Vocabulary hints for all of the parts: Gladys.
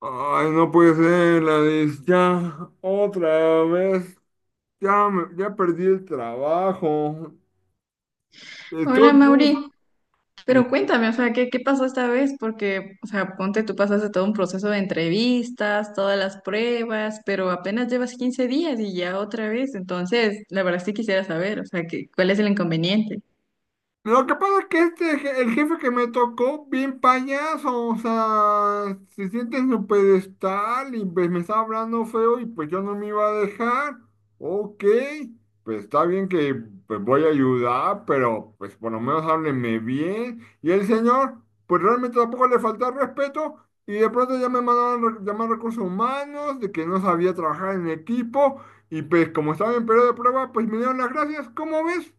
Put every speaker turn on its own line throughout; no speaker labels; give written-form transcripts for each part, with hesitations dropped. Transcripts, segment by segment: Ay, no puede ser, Gladys. Ya, otra vez. Ya, ya perdí el trabajo. Estoy
Hola Mauri,
buscando.
pero cuéntame, o sea, ¿qué pasó esta vez? Porque, o sea, ponte, tú pasaste todo un proceso de entrevistas, todas las pruebas, pero apenas llevas 15 días y ya otra vez, entonces, la verdad sí quisiera saber, o sea, que, ¿cuál es el inconveniente?
Lo que pasa es que el jefe que me tocó, bien payaso, o sea, se siente en su pedestal y pues me estaba hablando feo y pues yo no me iba a dejar. Ok, pues está bien que pues voy a ayudar, pero pues por lo menos hábleme bien. Y el señor, pues realmente tampoco le falta respeto y de pronto ya me mandaron llamar a recursos humanos de que no sabía trabajar en equipo y pues como estaba en periodo de prueba, pues me dieron las gracias. ¿Cómo ves?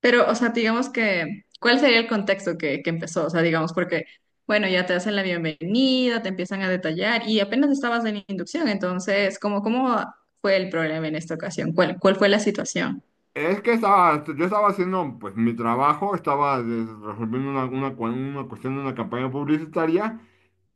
Pero, o sea, digamos que, ¿cuál sería el contexto que empezó? O sea, digamos, porque, bueno, ya te hacen la bienvenida, te empiezan a detallar y apenas estabas en inducción, entonces, ¿cómo fue el problema en esta ocasión? ¿Cuál fue la situación?
Es que estaba, yo estaba haciendo pues mi trabajo, estaba resolviendo una cuestión de una campaña publicitaria.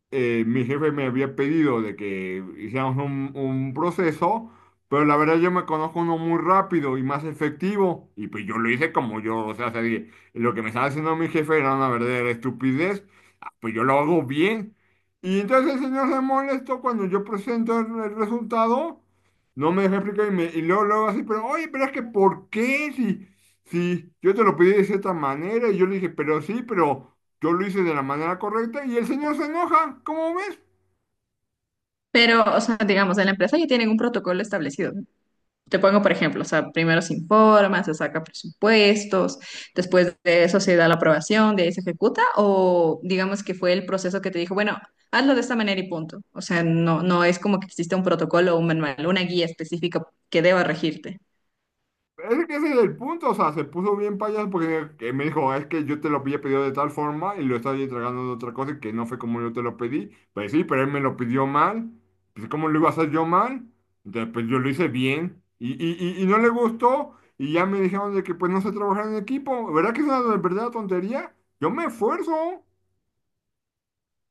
Mi jefe me había pedido de que hiciéramos un proceso, pero la verdad yo me conozco uno muy rápido y más efectivo. Y pues yo lo hice como yo, o sea, lo que me estaba haciendo mi jefe era una verdadera estupidez, pues yo lo hago bien. Y entonces el señor se molestó cuando yo presento el resultado, no me deja explicar y luego, luego así, pero oye, pero es que ¿por qué? Si, si yo te lo pedí de cierta manera y yo le dije, pero sí, pero yo lo hice de la manera correcta y el señor se enoja, ¿cómo ves?
Pero, o sea, digamos, en la empresa ya tienen un protocolo establecido. Te pongo, por ejemplo, o sea, primero se informa, se saca presupuestos, después de eso se da la aprobación, de ahí se ejecuta, o digamos que fue el proceso que te dijo, bueno, hazlo de esta manera y punto. O sea, no es como que existe un protocolo o un manual, una guía específica que deba regirte.
Es que ese es el punto, o sea, se puso bien payaso porque que me dijo, es que yo te lo había pedido de tal forma y lo estaba entregando de otra cosa y que no fue como yo te lo pedí. Pues sí, pero él me lo pidió mal. Pues ¿cómo lo iba a hacer yo mal? Entonces, pues yo lo hice bien y no le gustó y ya me dijeron de que pues no sé trabajar en equipo. ¿Verdad que es una verdadera tontería? Yo me esfuerzo.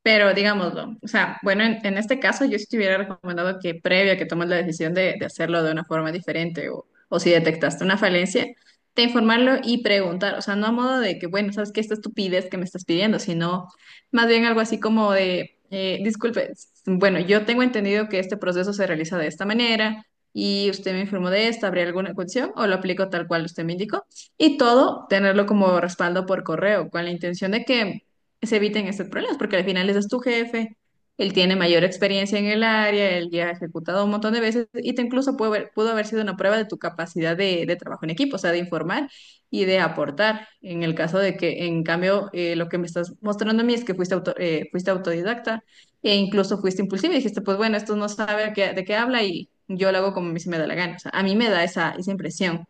Pero digámoslo, o sea, bueno, en este caso yo sí te hubiera recomendado que previo a que tomes la decisión de hacerlo de una forma diferente o si detectaste una falencia, te informarlo y preguntar, o sea, no a modo de que, bueno, sabes que esta estupidez que me estás pidiendo, sino más bien algo así como de, disculpe, bueno, yo tengo entendido que este proceso se realiza de esta manera y usted me informó de esta, ¿habría alguna cuestión o lo aplico tal cual usted me indicó? Y todo tenerlo como respaldo por correo, con la intención de que se eviten estos problemas, porque al final ese es tu jefe, él tiene mayor experiencia en el área, él ya ha ejecutado un montón de veces y te incluso pudo haber sido una prueba de tu capacidad de trabajo en equipo, o sea, de informar y de aportar. En el caso de que, en cambio, lo que me estás mostrando a mí es que fuiste, fuiste autodidacta e incluso fuiste impulsiva y dijiste, pues bueno, esto no sabe de qué habla y yo lo hago como a mí se me da la gana. O sea, a mí me da esa impresión.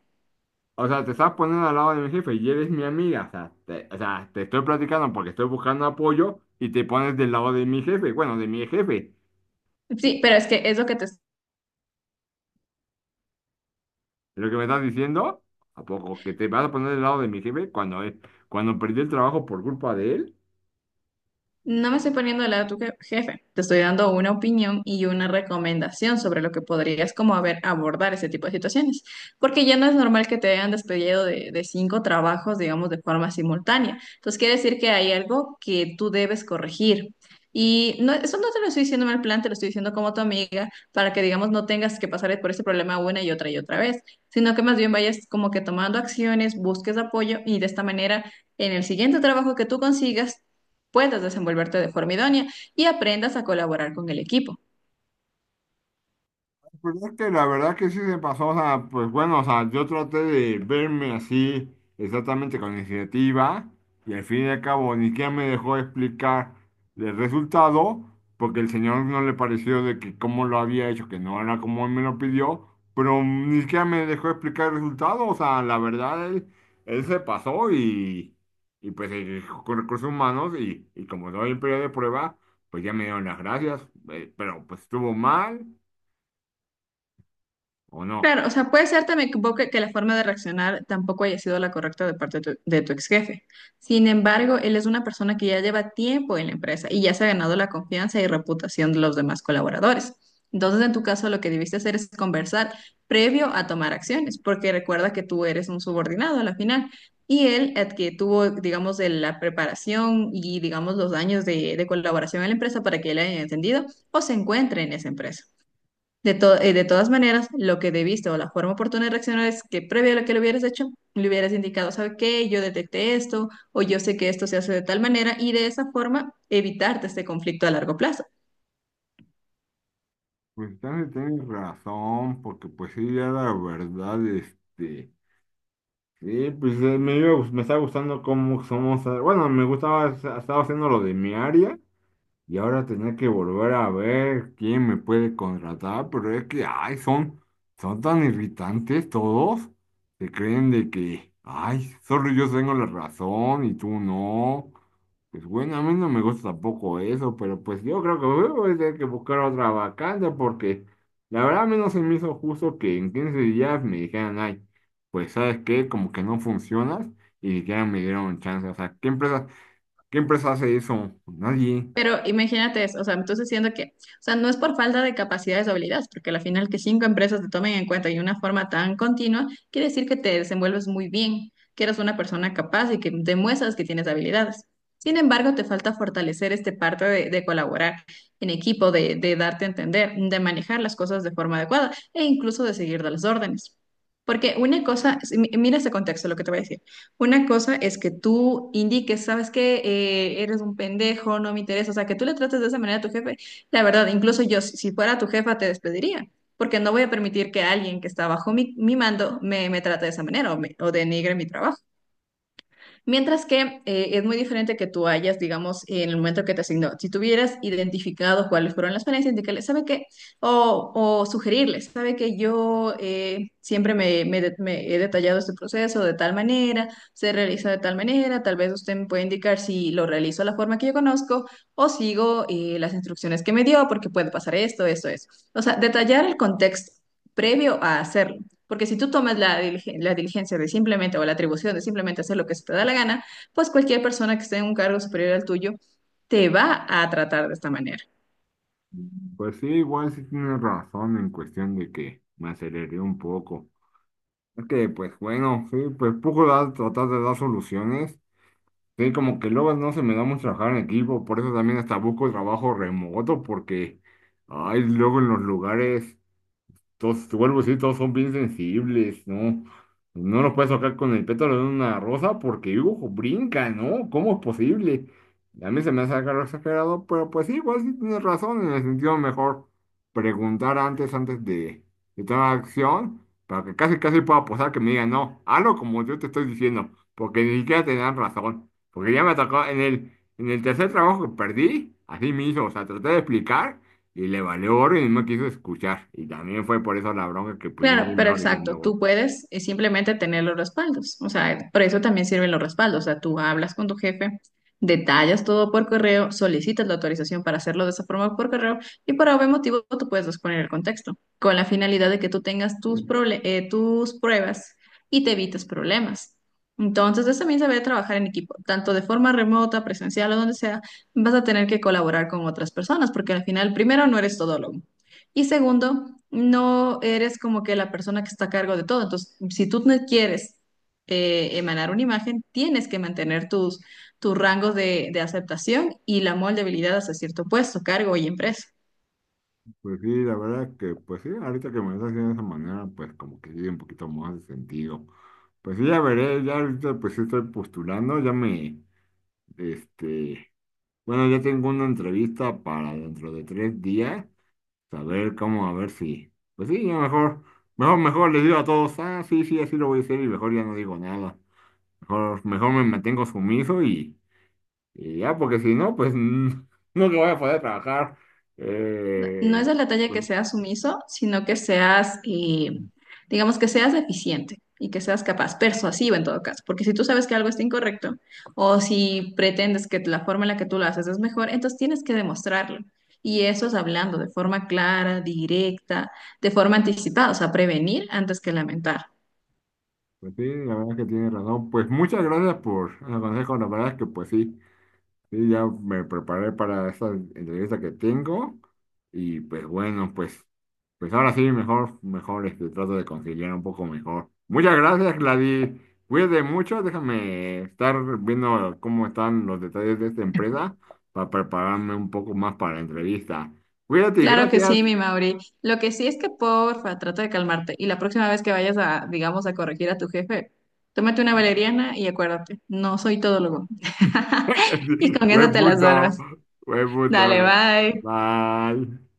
O sea, te estás poniendo al lado de mi jefe y eres mi amiga. O sea, o sea, te estoy platicando porque estoy buscando apoyo y te pones del lado de mi jefe, bueno, de mi jefe.
Sí, pero es que es lo que te
¿Es lo que me estás diciendo? ¿A poco? ¿Que te vas a poner del lado de mi jefe cuando, cuando perdí el trabajo por culpa de él?
No me estoy poniendo del lado de tu jefe, te estoy dando una opinión y una recomendación sobre lo que podrías como haber abordar ese tipo de situaciones, porque ya no es normal que te hayan despedido de cinco trabajos, digamos, de forma simultánea. Entonces quiere decir que hay algo que tú debes corregir. Y no, eso no te lo estoy diciendo en mal plan, te lo estoy diciendo como tu amiga, para que, digamos, no tengas que pasar por ese problema una y otra vez, sino que más bien vayas como que tomando acciones, busques apoyo y de esta manera... En el siguiente trabajo que tú consigas, puedas desenvolverte de forma idónea y aprendas a colaborar con el equipo.
Pues es que la verdad que sí se pasó, o sea, pues bueno, o sea, yo traté de verme así exactamente con iniciativa y al fin y al cabo ni siquiera me dejó explicar el resultado porque el señor no le pareció de que cómo lo había hecho, que no era como él me lo pidió, pero ni siquiera me dejó explicar el resultado, o sea, la verdad él se pasó y pues con recursos humanos y como no hay periodo de prueba, pues ya me dieron las gracias, pero pues estuvo mal o no.
Claro, o sea, puede ser también que, vos que la forma de reaccionar tampoco haya sido la correcta de parte de tu ex jefe. Sin embargo, él es una persona que ya lleva tiempo en la empresa y ya se ha ganado la confianza y reputación de los demás colaboradores. Entonces, en tu caso, lo que debiste hacer es conversar previo a tomar acciones, porque recuerda que tú eres un subordinado a la final y él, el que tuvo, digamos, de la preparación y, digamos, los años de colaboración en la empresa para que él haya entendido o se encuentre en esa empresa. De, de todas maneras, lo que debiste o la forma oportuna de reaccionar es que previo a lo que lo hubieras hecho, le hubieras indicado, ¿sabe qué? Yo detecté esto o yo sé que esto se hace de tal manera y de esa forma evitarte este conflicto a largo plazo.
Pues también tienes razón, porque pues sí, ya la verdad, sí, pues me estaba gustando cómo somos, bueno, me gustaba, estaba haciendo lo de mi área, y ahora tener que volver a ver quién me puede contratar, pero es que, ay, son tan irritantes todos. Se creen de que, ay, solo yo tengo la razón y tú no. Pues bueno, a mí no me gusta tampoco eso, pero pues yo creo que voy a tener que buscar otra vacante porque la verdad a mí no se me hizo justo que en 15 días me dijeran, ay, pues sabes qué, como que no funcionas y ni siquiera me dieron chance. O sea, ¿Qué empresa hace eso? Nadie.
Pero imagínate eso, o sea, entonces siendo que, o sea, no es por falta de capacidades o habilidades, porque al final que cinco empresas te tomen en cuenta y de una forma tan continua, quiere decir que te desenvuelves muy bien, que eres una persona capaz y que demuestras que tienes habilidades. Sin embargo, te falta fortalecer este parte de colaborar en equipo, de darte a entender, de manejar las cosas de forma adecuada e incluso de seguir las órdenes. Porque una cosa, mira ese contexto, lo que te voy a decir. Una cosa es que tú indiques, sabes que eres un pendejo, no me interesa, o sea, que tú le trates de esa manera a tu jefe. La verdad, incluso yo, si fuera tu jefa, te despediría, porque no voy a permitir que alguien que está bajo mi mando me, me trate de esa manera o, o denigre mi trabajo. Mientras que es muy diferente que tú hayas, digamos, en el momento que te asignó, si tuvieras identificado cuáles fueron las falencias, indicarles, ¿sabe qué? O sugerirles, ¿sabe que yo siempre me, me he detallado este proceso de tal manera, se realiza de tal manera, tal vez usted me puede indicar si lo realizo de la forma que yo conozco o sigo las instrucciones que me dio, porque puede pasar esto, esto, eso. O sea, detallar el contexto previo a hacerlo. Porque si tú tomas la, la diligencia de simplemente o la atribución de simplemente hacer lo que se te da la gana, pues cualquier persona que esté en un cargo superior al tuyo te va a tratar de esta manera.
Pues sí, igual sí tienes razón en cuestión de que me aceleré un poco. Es que, pues bueno, sí, pues poco da tratar de dar soluciones. Sí, como que luego no se me da mucho trabajar en equipo, por eso también hasta busco trabajo remoto, porque, ay, luego en los lugares todos, te vuelvo a decir, todos son bien sensibles, ¿no? No lo puedes tocar con el pétalo de una rosa porque, ojo, brinca, ¿no? ¿Cómo es posible? A mí se me hace algo exagerado, pero pues sí, igual sí tienes razón, en el sentido mejor preguntar antes de tomar acción, para que casi, casi pueda posar que me digan, no, hazlo como yo te estoy diciendo, porque ni siquiera te dan razón, porque ya me tocó en el tercer trabajo que perdí, así mismo, o sea, traté de explicar. Y le valió gorro y no quiso escuchar. Y también fue por eso la bronca que pues yo
Claro,
soy
pero
mejor dije,
exacto,
no voy.
tú puedes simplemente tener los respaldos, o sea, por eso también sirven los respaldos, o sea, tú hablas con tu jefe, detallas todo por correo, solicitas la autorización para hacerlo de esa forma por correo y por algún motivo tú puedes exponer el contexto, con la finalidad de que tú tengas tus, tus pruebas y te evites problemas. Entonces, eso también se ve trabajar en equipo, tanto de forma remota, presencial o donde sea, vas a tener que colaborar con otras personas, porque al final, primero, no eres todo y segundo, no eres como que la persona que está a cargo de todo. Entonces, si tú no quieres emanar una imagen, tienes que mantener tus, tus rangos de aceptación y la moldeabilidad hasta cierto puesto, cargo y empresa.
Pues sí, la verdad que, pues sí, ahorita que me lo estás haciendo de esa manera, pues como que sí, un poquito más de sentido. Pues sí, ya veré, ya ahorita pues sí estoy postulando, este, bueno, ya tengo una entrevista para dentro de 3 días, saber cómo, a ver si, pues sí, ya mejor, mejor les digo a todos, ah, sí, sí, así lo voy a hacer y mejor ya no digo nada. Mejor me mantengo sumiso y... Y ya, porque si no, pues no que voy a poder trabajar.
No
Eh,
es de la talla que
pues,
seas sumiso, sino que seas, digamos, que seas eficiente y que seas capaz, persuasivo en todo caso, porque si tú sabes que algo está incorrecto o si pretendes que la forma en la que tú lo haces es mejor, entonces tienes que demostrarlo. Y eso es hablando de forma clara, directa, de forma anticipada, o sea, prevenir antes que lamentar.
pues sí, la verdad que tiene razón. Pues muchas gracias por el consejo. La verdad es que pues sí, sí, ya me preparé para esa entrevista que tengo. Y pues bueno, pues ahora sí, trato de conciliar un poco mejor. Muchas gracias, Gladys. Cuídate mucho. Déjame estar viendo cómo están los detalles de esta empresa para prepararme un poco más para la entrevista. Cuídate y
Claro que
gracias.
sí, mi Mauri. Lo que sí es que porfa, trata de calmarte. Y la próxima vez que vayas a, digamos, a corregir a tu jefe, tómate una valeriana y acuérdate, no soy todólogo. Y con eso
Buen
te las
punto,
salvas.
buen
Dale,
punto.
bye.
Mal.